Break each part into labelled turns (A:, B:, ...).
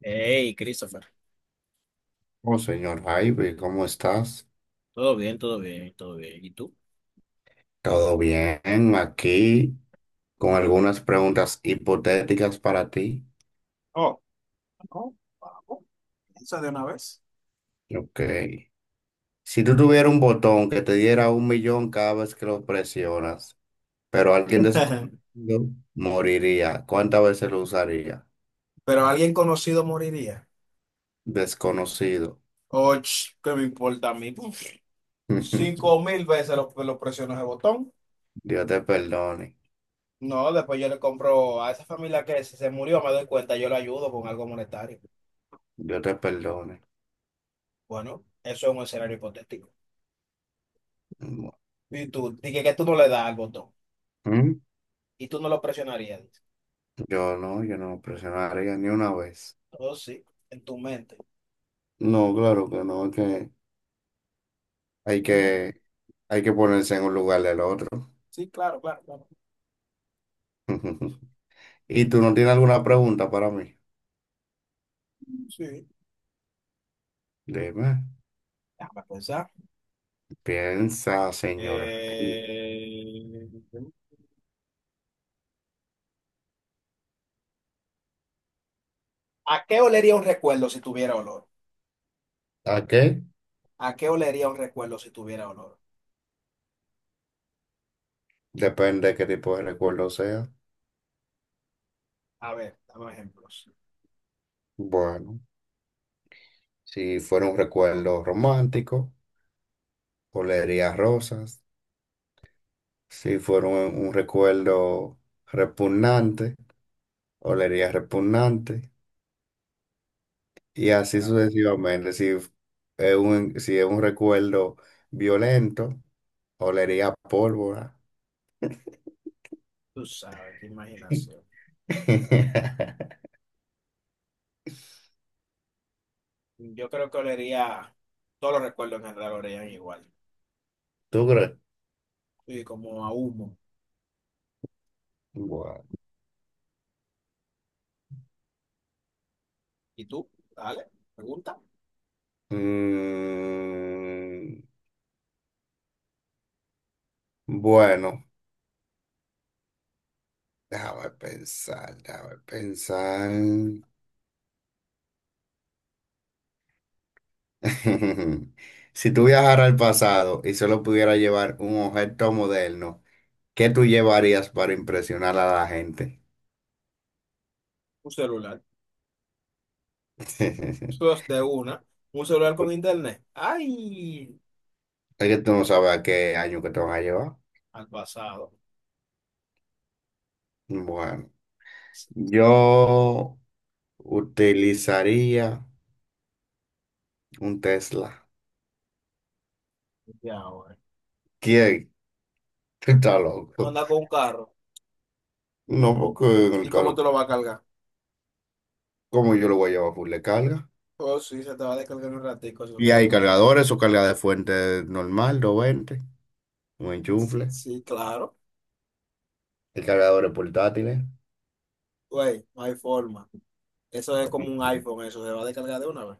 A: Hey, Christopher.
B: Oh, señor Jaime, ¿cómo estás?
A: Todo bien, todo bien, todo bien. ¿Y tú?
B: ¿Todo bien? Aquí con algunas preguntas hipotéticas para ti.
A: Oh, no, vamos, piensa de una vez.
B: Ok. Si tú tuvieras un botón que te diera un millón cada vez que lo presionas, pero alguien desconocido moriría, ¿cuántas veces lo usaría?
A: Pero alguien conocido moriría.
B: Desconocido.
A: Och, ¿qué me importa a mí? Puf, Cinco mil veces lo presiono ese botón.
B: Dios te perdone.
A: No, después yo le compro a esa familia que se murió, me doy cuenta, yo le ayudo con algo monetario.
B: Dios te perdone.
A: Bueno, eso es un escenario hipotético. Y tú, dije que tú no le das al botón
B: ¿Mm?
A: y tú no lo presionarías, dice.
B: Yo no presionaría ni una vez.
A: Oh, sí, en tu mente.
B: No, claro que no, es que hay
A: Ujú.
B: que Hay que ponerse en un lugar del otro.
A: Sí, claro, claro, claro.
B: ¿Y tú no tienes alguna pregunta para mí?
A: Sí,
B: Dime.
A: déjame pensar.
B: Piensa, señor.
A: Eh, ¿A qué olería un recuerdo si tuviera olor?
B: ¿A qué?
A: ¿A qué olería un recuerdo si tuviera olor?
B: Depende de qué tipo de recuerdo sea.
A: A ver, dame ejemplos.
B: Bueno, si fuera un recuerdo romántico, olería rosas. Si fuera un recuerdo repugnante, olería repugnante. Y así sucesivamente. Si es un recuerdo violento, olería a pólvora.
A: Tú sabes, qué imaginación. Yo creo que olería, todos los recuerdos en general olerían igual.
B: ¿Tú crees?
A: Sí, como a humo.
B: Bueno.
A: ¿Y tú? Dale, pregunta.
B: Mm, bueno, déjame pensar, déjame pensar. Si tú viajaras al pasado y solo pudieras llevar un objeto moderno, ¿qué tú llevarías para impresionar a la gente?
A: Un celular. Tú de una. Un celular con internet. ¡Ay!
B: Es que tú no sabes a qué año que te van a llevar.
A: Al pasado.
B: Bueno, yo utilizaría un Tesla.
A: Ya, ahora.
B: ¿Quién? Tú estás
A: Tú
B: loco.
A: andas con un carro.
B: No, porque en
A: ¿Y
B: el
A: cómo
B: carro,
A: te lo vas a cargar?
B: como yo lo voy a llevar full de carga.
A: Oh, sí, se te va a descargar en un ratico, su
B: Y hay
A: Tesla.
B: cargadores o carga de fuente normal, 220, un enchufle.
A: Sí, claro.
B: Hay cargadores portátiles.
A: Güey, no hay forma. Eso es
B: Como
A: como un
B: que
A: iPhone, eso se va a descargar de una vez.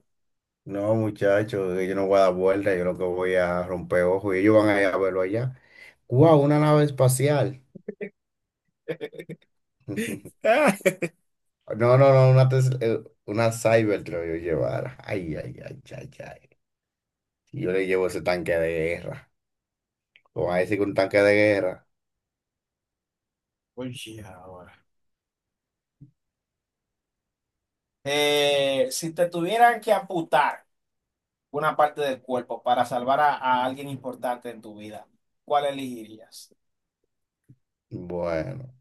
B: No, muchachos, yo no voy a dar vuelta, yo lo que voy a romper ojos y ellos van a ir a verlo allá. ¡Wow! Una nave espacial. No, no, no, una Cybertruck yo llevara. Ay, ay, ay, ay, ay. Y yo le llevo ese tanque de guerra. Como a decir que un tanque de guerra.
A: Oye, ahora. Si te tuvieran que amputar una parte del cuerpo para salvar a alguien importante en tu vida, ¿cuál elegirías?
B: Bueno,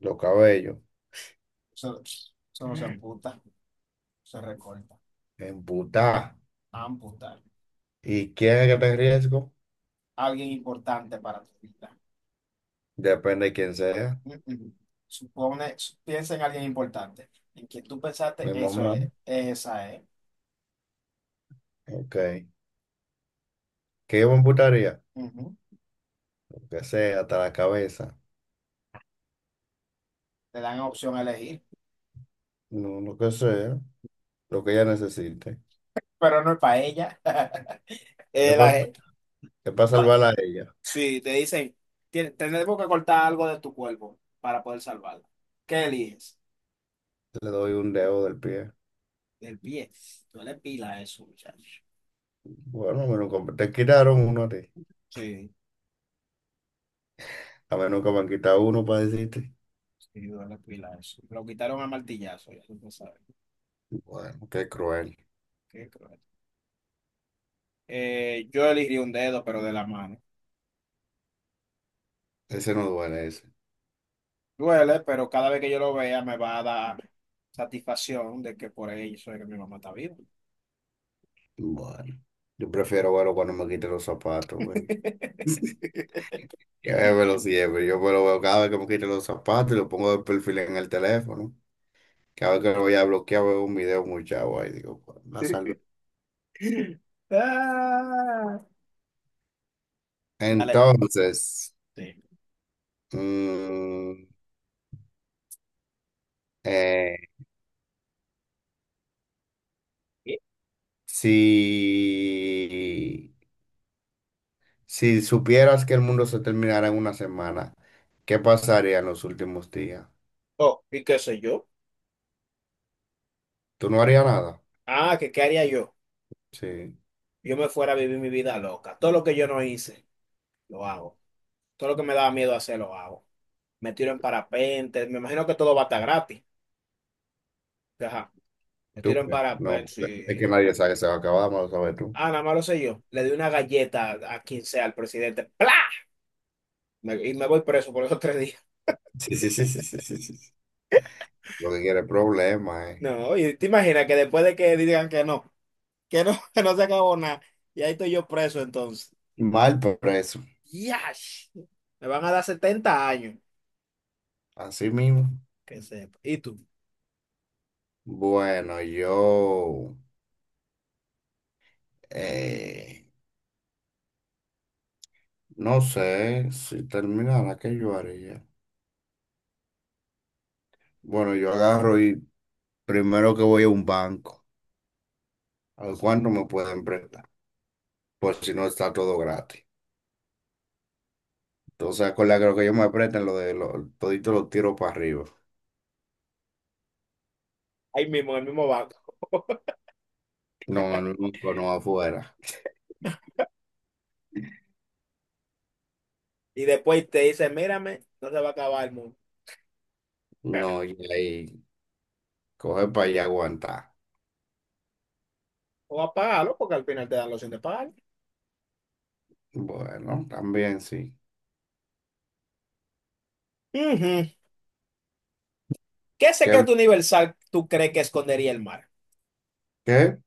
B: los cabellos.
A: Eso, eso no se amputa, se recorta.
B: Embutada.
A: Amputar.
B: ¿Y quién es el que está en riesgo?
A: Alguien importante para tu vida.
B: Depende de quién sea.
A: Mm, mm. Supone, piensa en alguien importante. En quien tú pensaste,
B: Mi
A: eso
B: mamá.
A: es, esa es.
B: Ok. ¿Qué yo me emputaría?
A: Ujú.
B: Lo que sea, hasta la cabeza.
A: Te dan opción a elegir.
B: No, no, lo que sea. Lo que ella necesite.
A: Pero no es para ella.
B: Es
A: Eh, la
B: para,
A: pa-
B: salvarla a ella.
A: sí, te dicen, Tenemos que cortar algo de tu cuerpo para poder salvarla. ¿Qué eliges?"
B: Le doy un dedo del pie.
A: El pie. Duele pila eso, muchacho.
B: Bueno, a mí nunca- te quitaron uno a ti.
A: Sí,
B: A mí nunca me han quitado uno para decirte.
A: sí, duele pila eso. Lo quitaron a martillazo, ya tú lo sabes.
B: Bueno, qué cruel.
A: Qué cruel. Yo elegiría un dedo, pero de la mano.
B: Ese no duele ese.
A: Duele, pero cada vez que yo lo vea me va a dar satisfacción de que por ahí soy que mi mamá está viva.
B: Bueno. Yo prefiero verlo cuando me quite los zapatos, güey. Yo me lo veo cada vez que me quito los zapatos y lo pongo de perfil en el teléfono. Cada vez que lo voy a bloquear veo un video muy chavo ahí, digo, "Pues, la salve.
A: Ah. Dale.
B: Entonces,
A: Sí.
B: mm, eh, si, si supieras que el mundo se terminara en una semana, ¿qué pasaría en los últimos días?
A: Oh, ¿y qué sé yo?
B: ¿Tú no harías nada?
A: Ah, ¿que qué haría yo?
B: Sí,
A: Yo me fuera a vivir mi vida loca. Todo lo que yo no hice, lo hago. Todo lo que me daba miedo hacer, lo hago. Me tiro en parapente. Me imagino que todo va a estar gratis. Ajá. Me
B: tú,
A: tiro en
B: pues,
A: parapente,
B: no, pues, es que
A: sí.
B: nadie sabe que se va a acabar, más lo sabes tú.
A: Ah, nada más lo sé yo. Le doy una galleta a quien sea, al presidente. ¡Pla! Y me voy preso por esos 3 días.
B: Sí, sí, sí, sí, sí, sí, sí. Lo que quiere es problema, eh.
A: No, y te imaginas que después de que digan que no, que no se acabó nada, y ahí estoy yo preso entonces.
B: Mal preso,
A: ¡Yash! Me van a dar 70 años.
B: así mismo.
A: Que sepa. ¿Y tú?
B: Bueno, yo eh, no sé si terminara, ¿qué yo haría? Bueno, yo agarro y primero que voy a un banco, a ver cuánto me pueden prestar, por si no está todo gratis. Entonces, con la que lo que ellos me prestan todito lo tiro para arriba.
A: Ahí mismo, en el mismo banco.
B: No, en el banco, no afuera.
A: Y después te dice, mírame, no se va a acabar el mundo.
B: No, y ahí coge para allá aguantar.
A: O apágalo porque al final te dan la opción de pagar.
B: Bueno, también sí.
A: Ujú. ¿Qué
B: ¿Qué,
A: secreto universal tú crees que escondería el mar?
B: qué?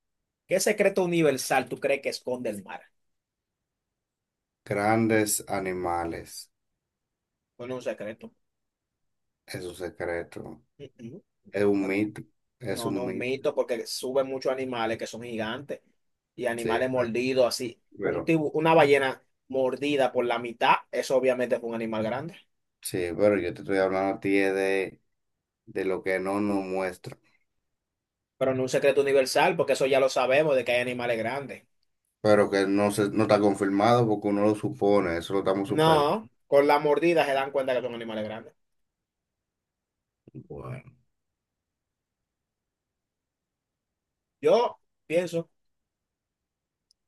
A: ¿Qué secreto universal tú crees que esconde el mar?
B: Grandes animales.
A: Bueno, un secreto.
B: Es un secreto,
A: Mm, mm.
B: es un mito, es
A: No, no,
B: un
A: un
B: mito,
A: mito porque suben muchos animales que son gigantes y
B: sí,
A: animales
B: pe-
A: mordidos así.
B: pero,
A: Una ballena mordida por la mitad, eso obviamente fue un animal grande.
B: sí, pero yo te estoy hablando a ti es de lo que no nos muestra,
A: Pero no un secreto universal porque eso ya lo sabemos de que hay animales grandes.
B: pero que no está confirmado porque uno lo supone, eso lo estamos suponiendo.
A: No, con la mordida se dan cuenta que son animales grandes.
B: Bueno,
A: Yo pienso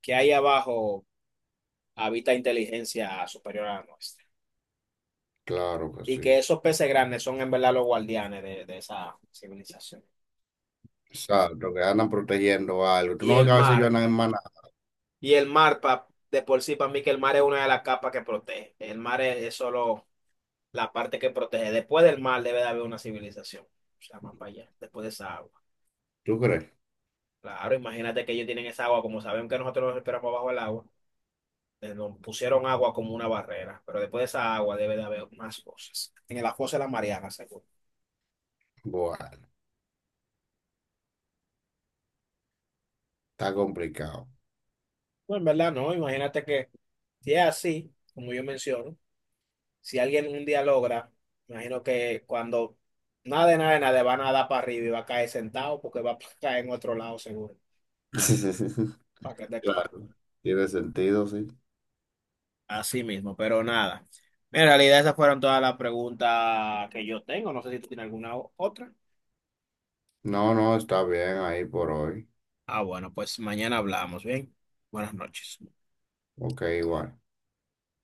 A: que ahí abajo habita inteligencia superior a la nuestra
B: claro que
A: y
B: sí.
A: que esos peces grandes son en verdad los guardianes de esa civilización.
B: Exacto, que andan protegiendo algo. Tú
A: Y
B: no ves
A: el
B: que a veces ellos
A: mar,
B: andan en maná,
A: y el mar de por sí, para mí que el mar es una de las capas que protege. El mar es solo la parte que protege. Después del mar debe de haber una civilización, o sea, más para allá, después de esa agua.
B: ¿tú crees?
A: Claro, imagínate que ellos tienen esa agua, como saben que nosotros nos esperamos bajo el agua. Nos pusieron agua como una barrera, pero después de esa agua debe de haber más cosas. En el fosa de la Mariana, seguro.
B: Bueno, está complicado.
A: No, en verdad no, imagínate que si es así, como yo menciono, si alguien un día logra, imagino que cuando nada de nada de nada van a dar para arriba y va a caer sentado porque va a caer en otro lado seguro, para que esté claro.
B: Claro, tiene sentido, sí.
A: Así mismo, pero nada. En realidad esas fueron todas las preguntas que yo tengo. No sé si tú tienes alguna otra.
B: No, no, está bien ahí por hoy.
A: Ah, bueno, pues mañana hablamos, ¿bien? Buenas noches.
B: Ok, igual.